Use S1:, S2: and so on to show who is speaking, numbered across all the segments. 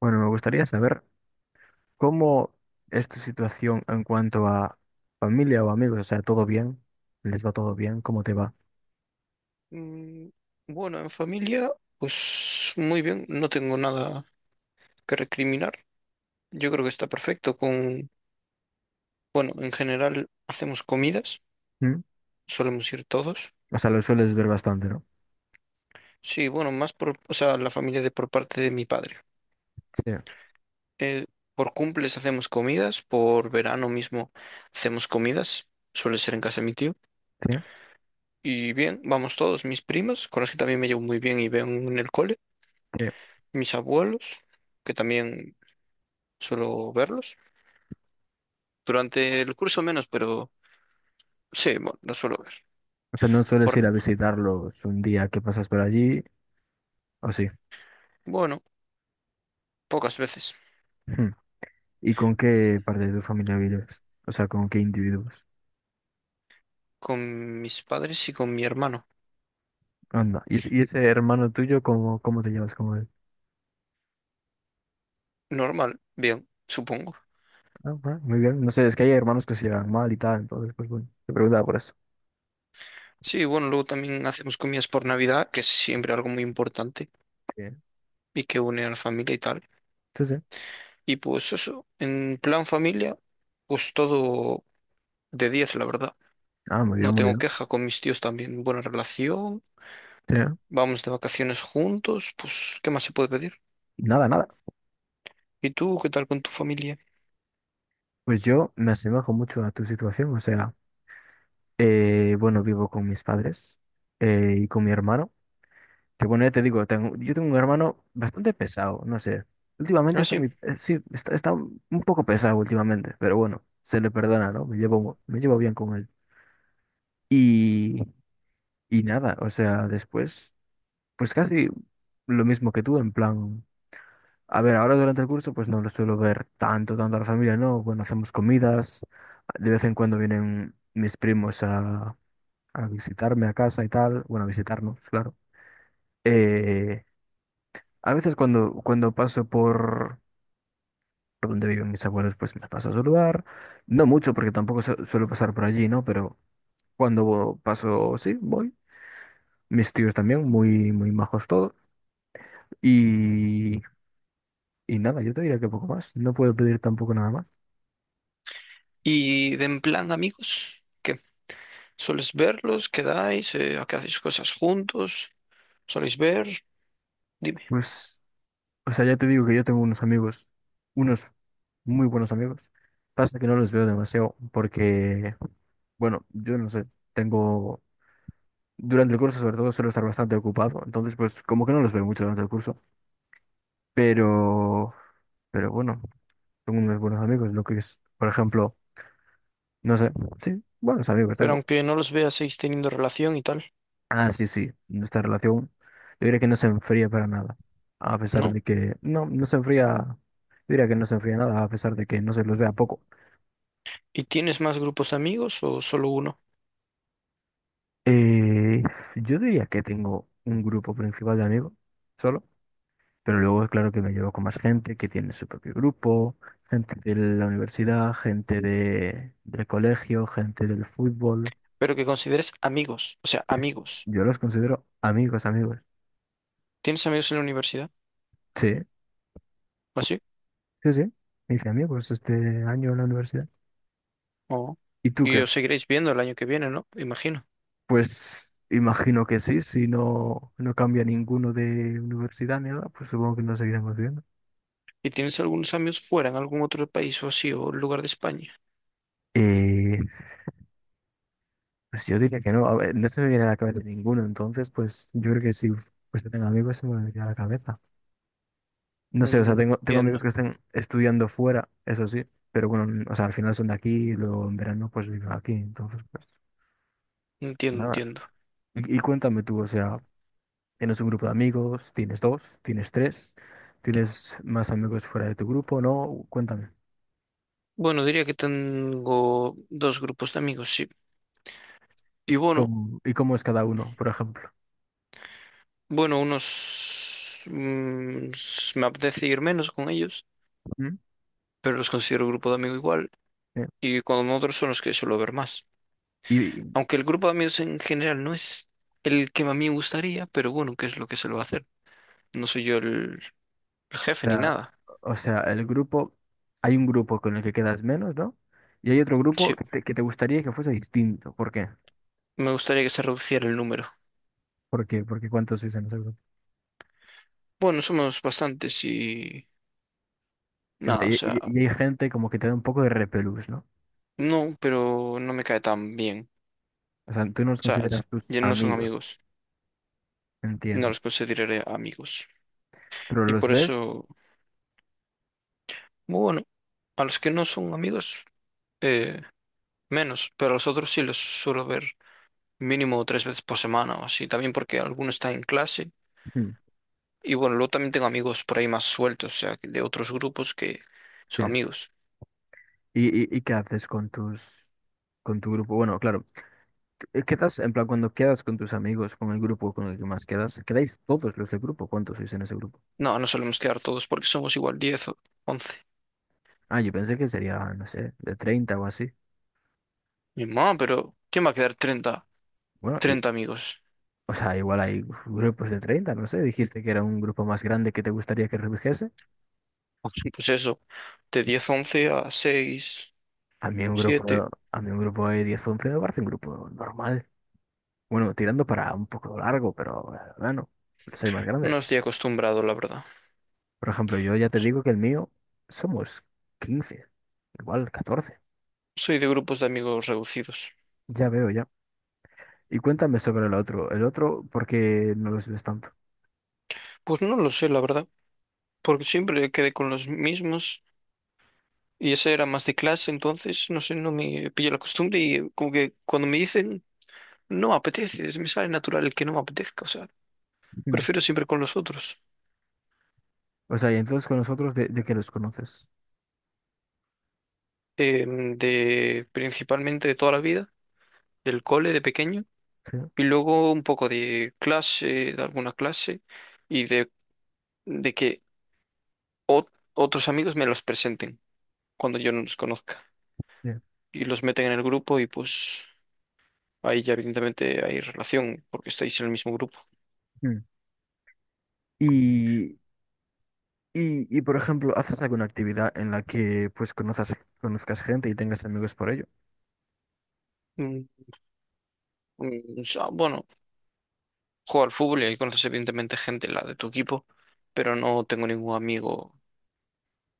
S1: Bueno, me gustaría saber cómo es tu situación en cuanto a familia o amigos. O sea, ¿todo bien? ¿Les va todo bien? ¿Cómo te va?
S2: Mm, Bueno, en familia, pues muy bien, no tengo nada que recriminar. Yo creo que está perfecto con, bueno, en general hacemos comidas,
S1: ¿Mm?
S2: solemos ir todos.
S1: O sea, lo sueles ver bastante, ¿no?
S2: Sí, bueno, más por, o sea, la familia de por parte de mi padre.
S1: Sí.
S2: Eh, por cumples hacemos comidas, por verano mismo hacemos comidas, suele ser en casa de mi tío.
S1: Sí,
S2: Y bien, vamos todos, mis primas, con las que también me llevo muy bien y veo en el cole,
S1: sí.
S2: mis abuelos, que también suelo verlos. Durante el curso menos, pero sí, bueno, lo suelo ver.
S1: O sea, no sueles
S2: Por,
S1: ir a visitarlos un día que pasas por allí, ¿o sí?
S2: bueno, pocas veces.
S1: Ujú. ¿Y con qué parte de tu familia vives? O sea, ¿con qué individuos?
S2: Con mis padres y con mi hermano.
S1: Anda. ¿ Y ese hermano tuyo, cómo te llevas con él?
S2: Normal, bien, supongo.
S1: Ah, bueno, muy bien. No sé, es que hay hermanos que se llevan mal y tal, entonces, pues bueno, te preguntaba por eso.
S2: Sí, bueno, luego también hacemos comidas por Navidad, que es siempre algo muy importante
S1: Sí.
S2: y que une a la familia y tal.
S1: Sí, sí.
S2: Y pues eso, en plan familia, pues todo de 10, la verdad.
S1: Ah, muy bien,
S2: No
S1: muy
S2: tengo
S1: bien.
S2: queja con mis tíos también. Buena relación,
S1: Sí.
S2: vamos de vacaciones juntos, pues, ¿qué más se puede pedir?
S1: Nada, nada.
S2: ¿Y tú qué tal con tu familia?
S1: Pues yo me asemejo mucho a tu situación, o sea, bueno, vivo con mis padres y con mi hermano, que bueno, ya te digo, yo tengo un hermano bastante pesado, no sé, últimamente
S2: Ah,
S1: está muy,
S2: sí.
S1: sí, está un poco pesado últimamente, pero bueno, se le perdona, ¿no? Me llevo bien con él. Y, y nada, o sea, después, pues casi lo mismo que tú, en plan. A ver, ahora durante el curso pues no lo suelo ver tanto, tanto a la familia, ¿no? Bueno, hacemos comidas, de vez en cuando vienen mis primos a visitarme a casa y tal, bueno, a visitarnos, claro. Eh, a veces cuando paso por donde viven mis abuelos pues me paso a saludar, no mucho porque tampoco su- suelo pasar por allí, ¿no? Pero cuando paso, sí, voy. Mis tíos también, muy, muy majos todos. Y, y nada, yo te diría que poco más, no puedo pedir tampoco nada más.
S2: Y de en plan amigos, ¿qué? ¿Soles verlos? ¿Quedáis? ¿A qué hacéis cosas juntos? ¿Soléis ver? Dime.
S1: Pues. O sea, ya te digo que yo tengo unos amigos, unos muy buenos amigos. Pasa que no los veo demasiado porque, bueno, yo no sé, tengo, durante el curso sobre todo suelo estar bastante ocupado, entonces pues como que no los veo mucho durante el curso, pero, pero bueno, tengo unos buenos amigos, lo que es, por ejemplo, no sé, sí, buenos amigos
S2: Pero
S1: tengo.
S2: aunque no los veas, seguís teniendo relación y tal,
S1: Ah, sí, sí, nuestra relación, yo diría que no se enfría para nada, a pesar
S2: ¿no?
S1: de que, no se enfría, yo diría que no se enfría nada, a pesar de que no se los vea poco.
S2: ¿Y tienes más grupos de amigos o solo uno?
S1: Eh, yo diría que tengo un grupo principal de amigos solo, pero luego es claro que me llevo con más gente que tiene su propio grupo, gente de la universidad, gente del colegio, gente del fútbol.
S2: Pero que consideres amigos, o sea,
S1: Sí, sí.
S2: amigos.
S1: Yo los considero amigos, amigos.
S2: ¿Tienes amigos en la universidad?
S1: Sí,
S2: ¿O así?
S1: sí, sí. Me hice amigos este año en la universidad.
S2: ¿O?
S1: ¿Y tú
S2: Y
S1: qué?
S2: os seguiréis viendo el año que viene, ¿no? Imagino.
S1: Pues imagino que sí, si no, no cambia ninguno de universidad ni nada, pues supongo que nos seguiremos viendo.
S2: ¿Y tienes algunos amigos fuera, en algún otro país o así, o lugar de España?
S1: Eh, Pues yo diría que no, a ver, no se me viene a la cabeza ninguno, entonces pues yo creo que si pues tengo amigos se me vendría a la cabeza. No sé, o sea,
S2: Mm,
S1: tengo amigos
S2: entiendo,
S1: que están estudiando fuera, eso sí, pero bueno, n- o sea, al final son de aquí y luego en verano pues viven aquí, entonces pues
S2: entiendo,
S1: nada.
S2: entiendo.
S1: Y cuéntame tú, o sea, ¿tienes un grupo de amigos? ¿Tienes dos? ¿Tienes tres? ¿Tienes más amigos fuera de tu grupo? No, cuéntame.
S2: Bueno, diría que tengo dos grupos de amigos, sí. Y bueno,
S1: ¿ Y cómo es cada uno, por ejemplo?
S2: bueno, unos me apetece ir menos con ellos,
S1: ¿Mm?
S2: pero los considero grupo de amigos igual.
S1: Eh,
S2: Y con otros son los que suelo ver más.
S1: ¿Y,
S2: Aunque el grupo de amigos en general no es el que a mí me gustaría, pero bueno, ¿qué es lo que se lo va a hacer? No soy yo el jefe ni
S1: La-
S2: nada.
S1: o sea, el grupo, hay un grupo con el que quedas menos, ¿no? Y hay otro grupo
S2: Sí,
S1: que te gustaría que fuese distinto. ¿Por qué?
S2: me gustaría que se reduciera el número.
S1: Porque ¿cuántos sois en ese grupo?
S2: Bueno, somos bastantes y
S1: O sea,
S2: nada, o sea,
S1: y hay gente como que te da un poco de repelús, ¿no?
S2: no, pero no me cae tan bien.
S1: O sea, tú no los
S2: O sea,
S1: consideras tus
S2: ya no son
S1: amigos,
S2: amigos, no
S1: entiendo.
S2: los consideraré amigos.
S1: Pero
S2: Y
S1: los
S2: por
S1: ves,
S2: eso. Bueno, a los que no son amigos, eh, menos, pero a los otros sí los suelo ver mínimo tres veces por semana o así, también porque alguno está en clase.
S1: mm,
S2: Y bueno, luego también tengo amigos por ahí más sueltos, o sea, que de otros grupos que
S1: sí.
S2: son amigos.
S1: Y qué haces con con tu grupo? Bueno, claro, quedas, en plan, cuando quedas con tus amigos, con el grupo con el que más quedas, ¿quedáis todos los del grupo? ¿Cuántos sois en ese grupo?
S2: No, no solemos quedar todos porque somos igual 10 o 11.
S1: Ah, yo pensé que sería, no sé, de 30 o así.
S2: Mi mamá, pero ¿quién va a quedar 30
S1: Bueno, y,
S2: 30 amigos?
S1: O sea, igual hay grupos de 30 no sé, dijiste que era un grupo más grande que te gustaría que redujese.
S2: Pues eso, de 10 11 a 6 7.
S1: A mí un grupo de 10 o 11 me parece un grupo normal. Bueno, tirando para un poco largo, pero bueno, soy más
S2: No
S1: grandes.
S2: estoy acostumbrado, la verdad.
S1: Por ejemplo, yo ya te
S2: S-
S1: digo que el mío somos 15 igual 14.
S2: Soy de grupos de amigos reducidos.
S1: Ya veo, ya. Y cuéntame sobre el otro. El otro, ¿por qué no los ves tanto?
S2: Pues no lo sé, la verdad. Porque siempre quedé con los mismos y ese era más de clase, entonces no sé, no me pillé la costumbre y como que cuando me dicen no me apetece, me sale natural el que no me apetezca, o sea,
S1: Ujú.
S2: prefiero siempre con los otros,
S1: O sea, y entonces con nosotros, de qué los conoces?
S2: de principalmente de toda la vida, del cole de pequeño
S1: Sí.
S2: y luego un poco de clase, de alguna clase y de que ot- otros amigos me los presenten cuando yo no los conozca
S1: Bien.
S2: y los meten en el grupo y pues ahí ya evidentemente hay relación porque estáis en el mismo grupo.
S1: Mm. Y y, por ejemplo, ¿haces alguna actividad en la que pues conozcas gente y tengas amigos por ello?
S2: Mm, mm, o sea, bueno, juego al fútbol y ahí conoces evidentemente gente, la de tu equipo, pero no tengo ningún amigo,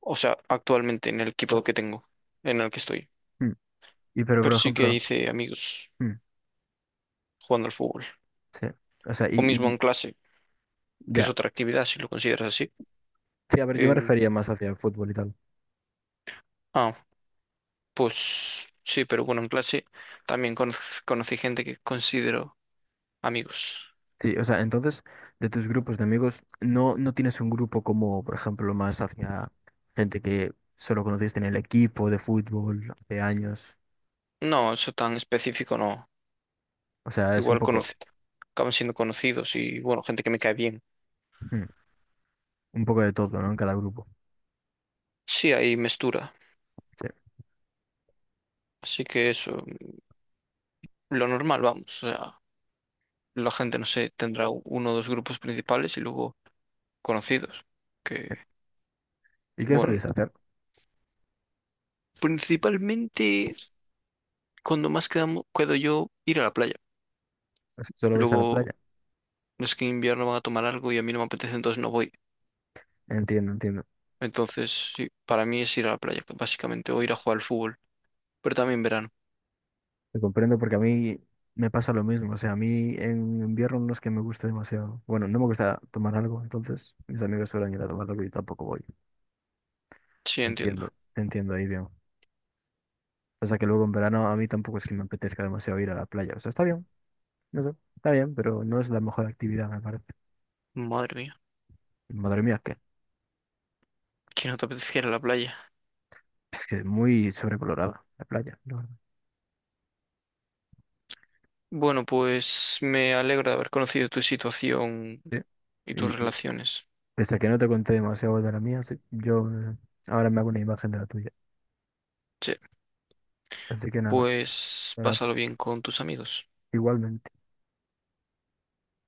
S2: o sea, actualmente en el equipo que tengo, en el que estoy.
S1: Mm. Y pero
S2: Pero
S1: por
S2: sí que
S1: ejemplo,
S2: hice amigos
S1: mm,
S2: jugando al fútbol,
S1: sí. O sea,
S2: o
S1: y,
S2: mismo
S1: y
S2: en clase, que es
S1: ya.
S2: otra actividad, si lo consideras así.
S1: Sí, a ver, yo me
S2: Em,
S1: refería más hacia el fútbol y tal.
S2: ah, pues sí, pero bueno, en clase también conocí gente que considero amigos.
S1: Sí, o sea, entonces, de tus grupos de amigos, no tienes un grupo como, por ejemplo, más hacia gente que solo conociste en el equipo de fútbol hace años.
S2: No, eso tan específico no.
S1: O sea, es un
S2: Igual
S1: poco,
S2: conocí, acaban siendo conocidos y, bueno, gente que me cae bien.
S1: mm, un poco de todo, ¿no? En cada grupo.
S2: Sí, hay mestura.
S1: Sí,
S2: Así que eso, lo normal, vamos. O sea, la gente, no sé, tendrá uno o dos grupos principales y luego conocidos. Que,
S1: sí. ¿Y qué
S2: bueno,
S1: soléis hacer?
S2: principalmente cuando más quedo yo ir a la playa.
S1: ¿Solo vais a la
S2: Luego
S1: playa?
S2: es que en invierno van a tomar algo y a mí no me apetece, entonces no voy.
S1: Entiendo, entiendo.
S2: Entonces, sí, para mí es ir a la playa, básicamente, o ir a jugar al fútbol. Pero también verano.
S1: Te comprendo porque a mí me pasa lo mismo. O sea, a mí en invierno no es que me guste demasiado. Bueno, no me gusta tomar algo, entonces mis amigos suelen ir a tomar algo y yo tampoco voy.
S2: Sí, entiendo.
S1: Te entiendo ahí bien. Pasa que luego en verano a mí tampoco es que me apetezca demasiado ir a la playa. O sea, está bien, no sé, está bien, pero no es la mejor actividad, me parece.
S2: Madre mía,
S1: Madre mía,
S2: que no te apetece ir a la playa.
S1: que es muy sobrevalorada la playa, la verdad.
S2: Bueno, pues me alegro de haber conocido tu situación
S1: Sí.
S2: y tus
S1: Y
S2: relaciones.
S1: pese a que no te conté demasiado de la mía, sí, yo ahora me hago una imagen de la tuya.
S2: Sí,
S1: Así que nada,
S2: pues
S1: nada,
S2: pásalo bien con tus amigos.
S1: igualmente.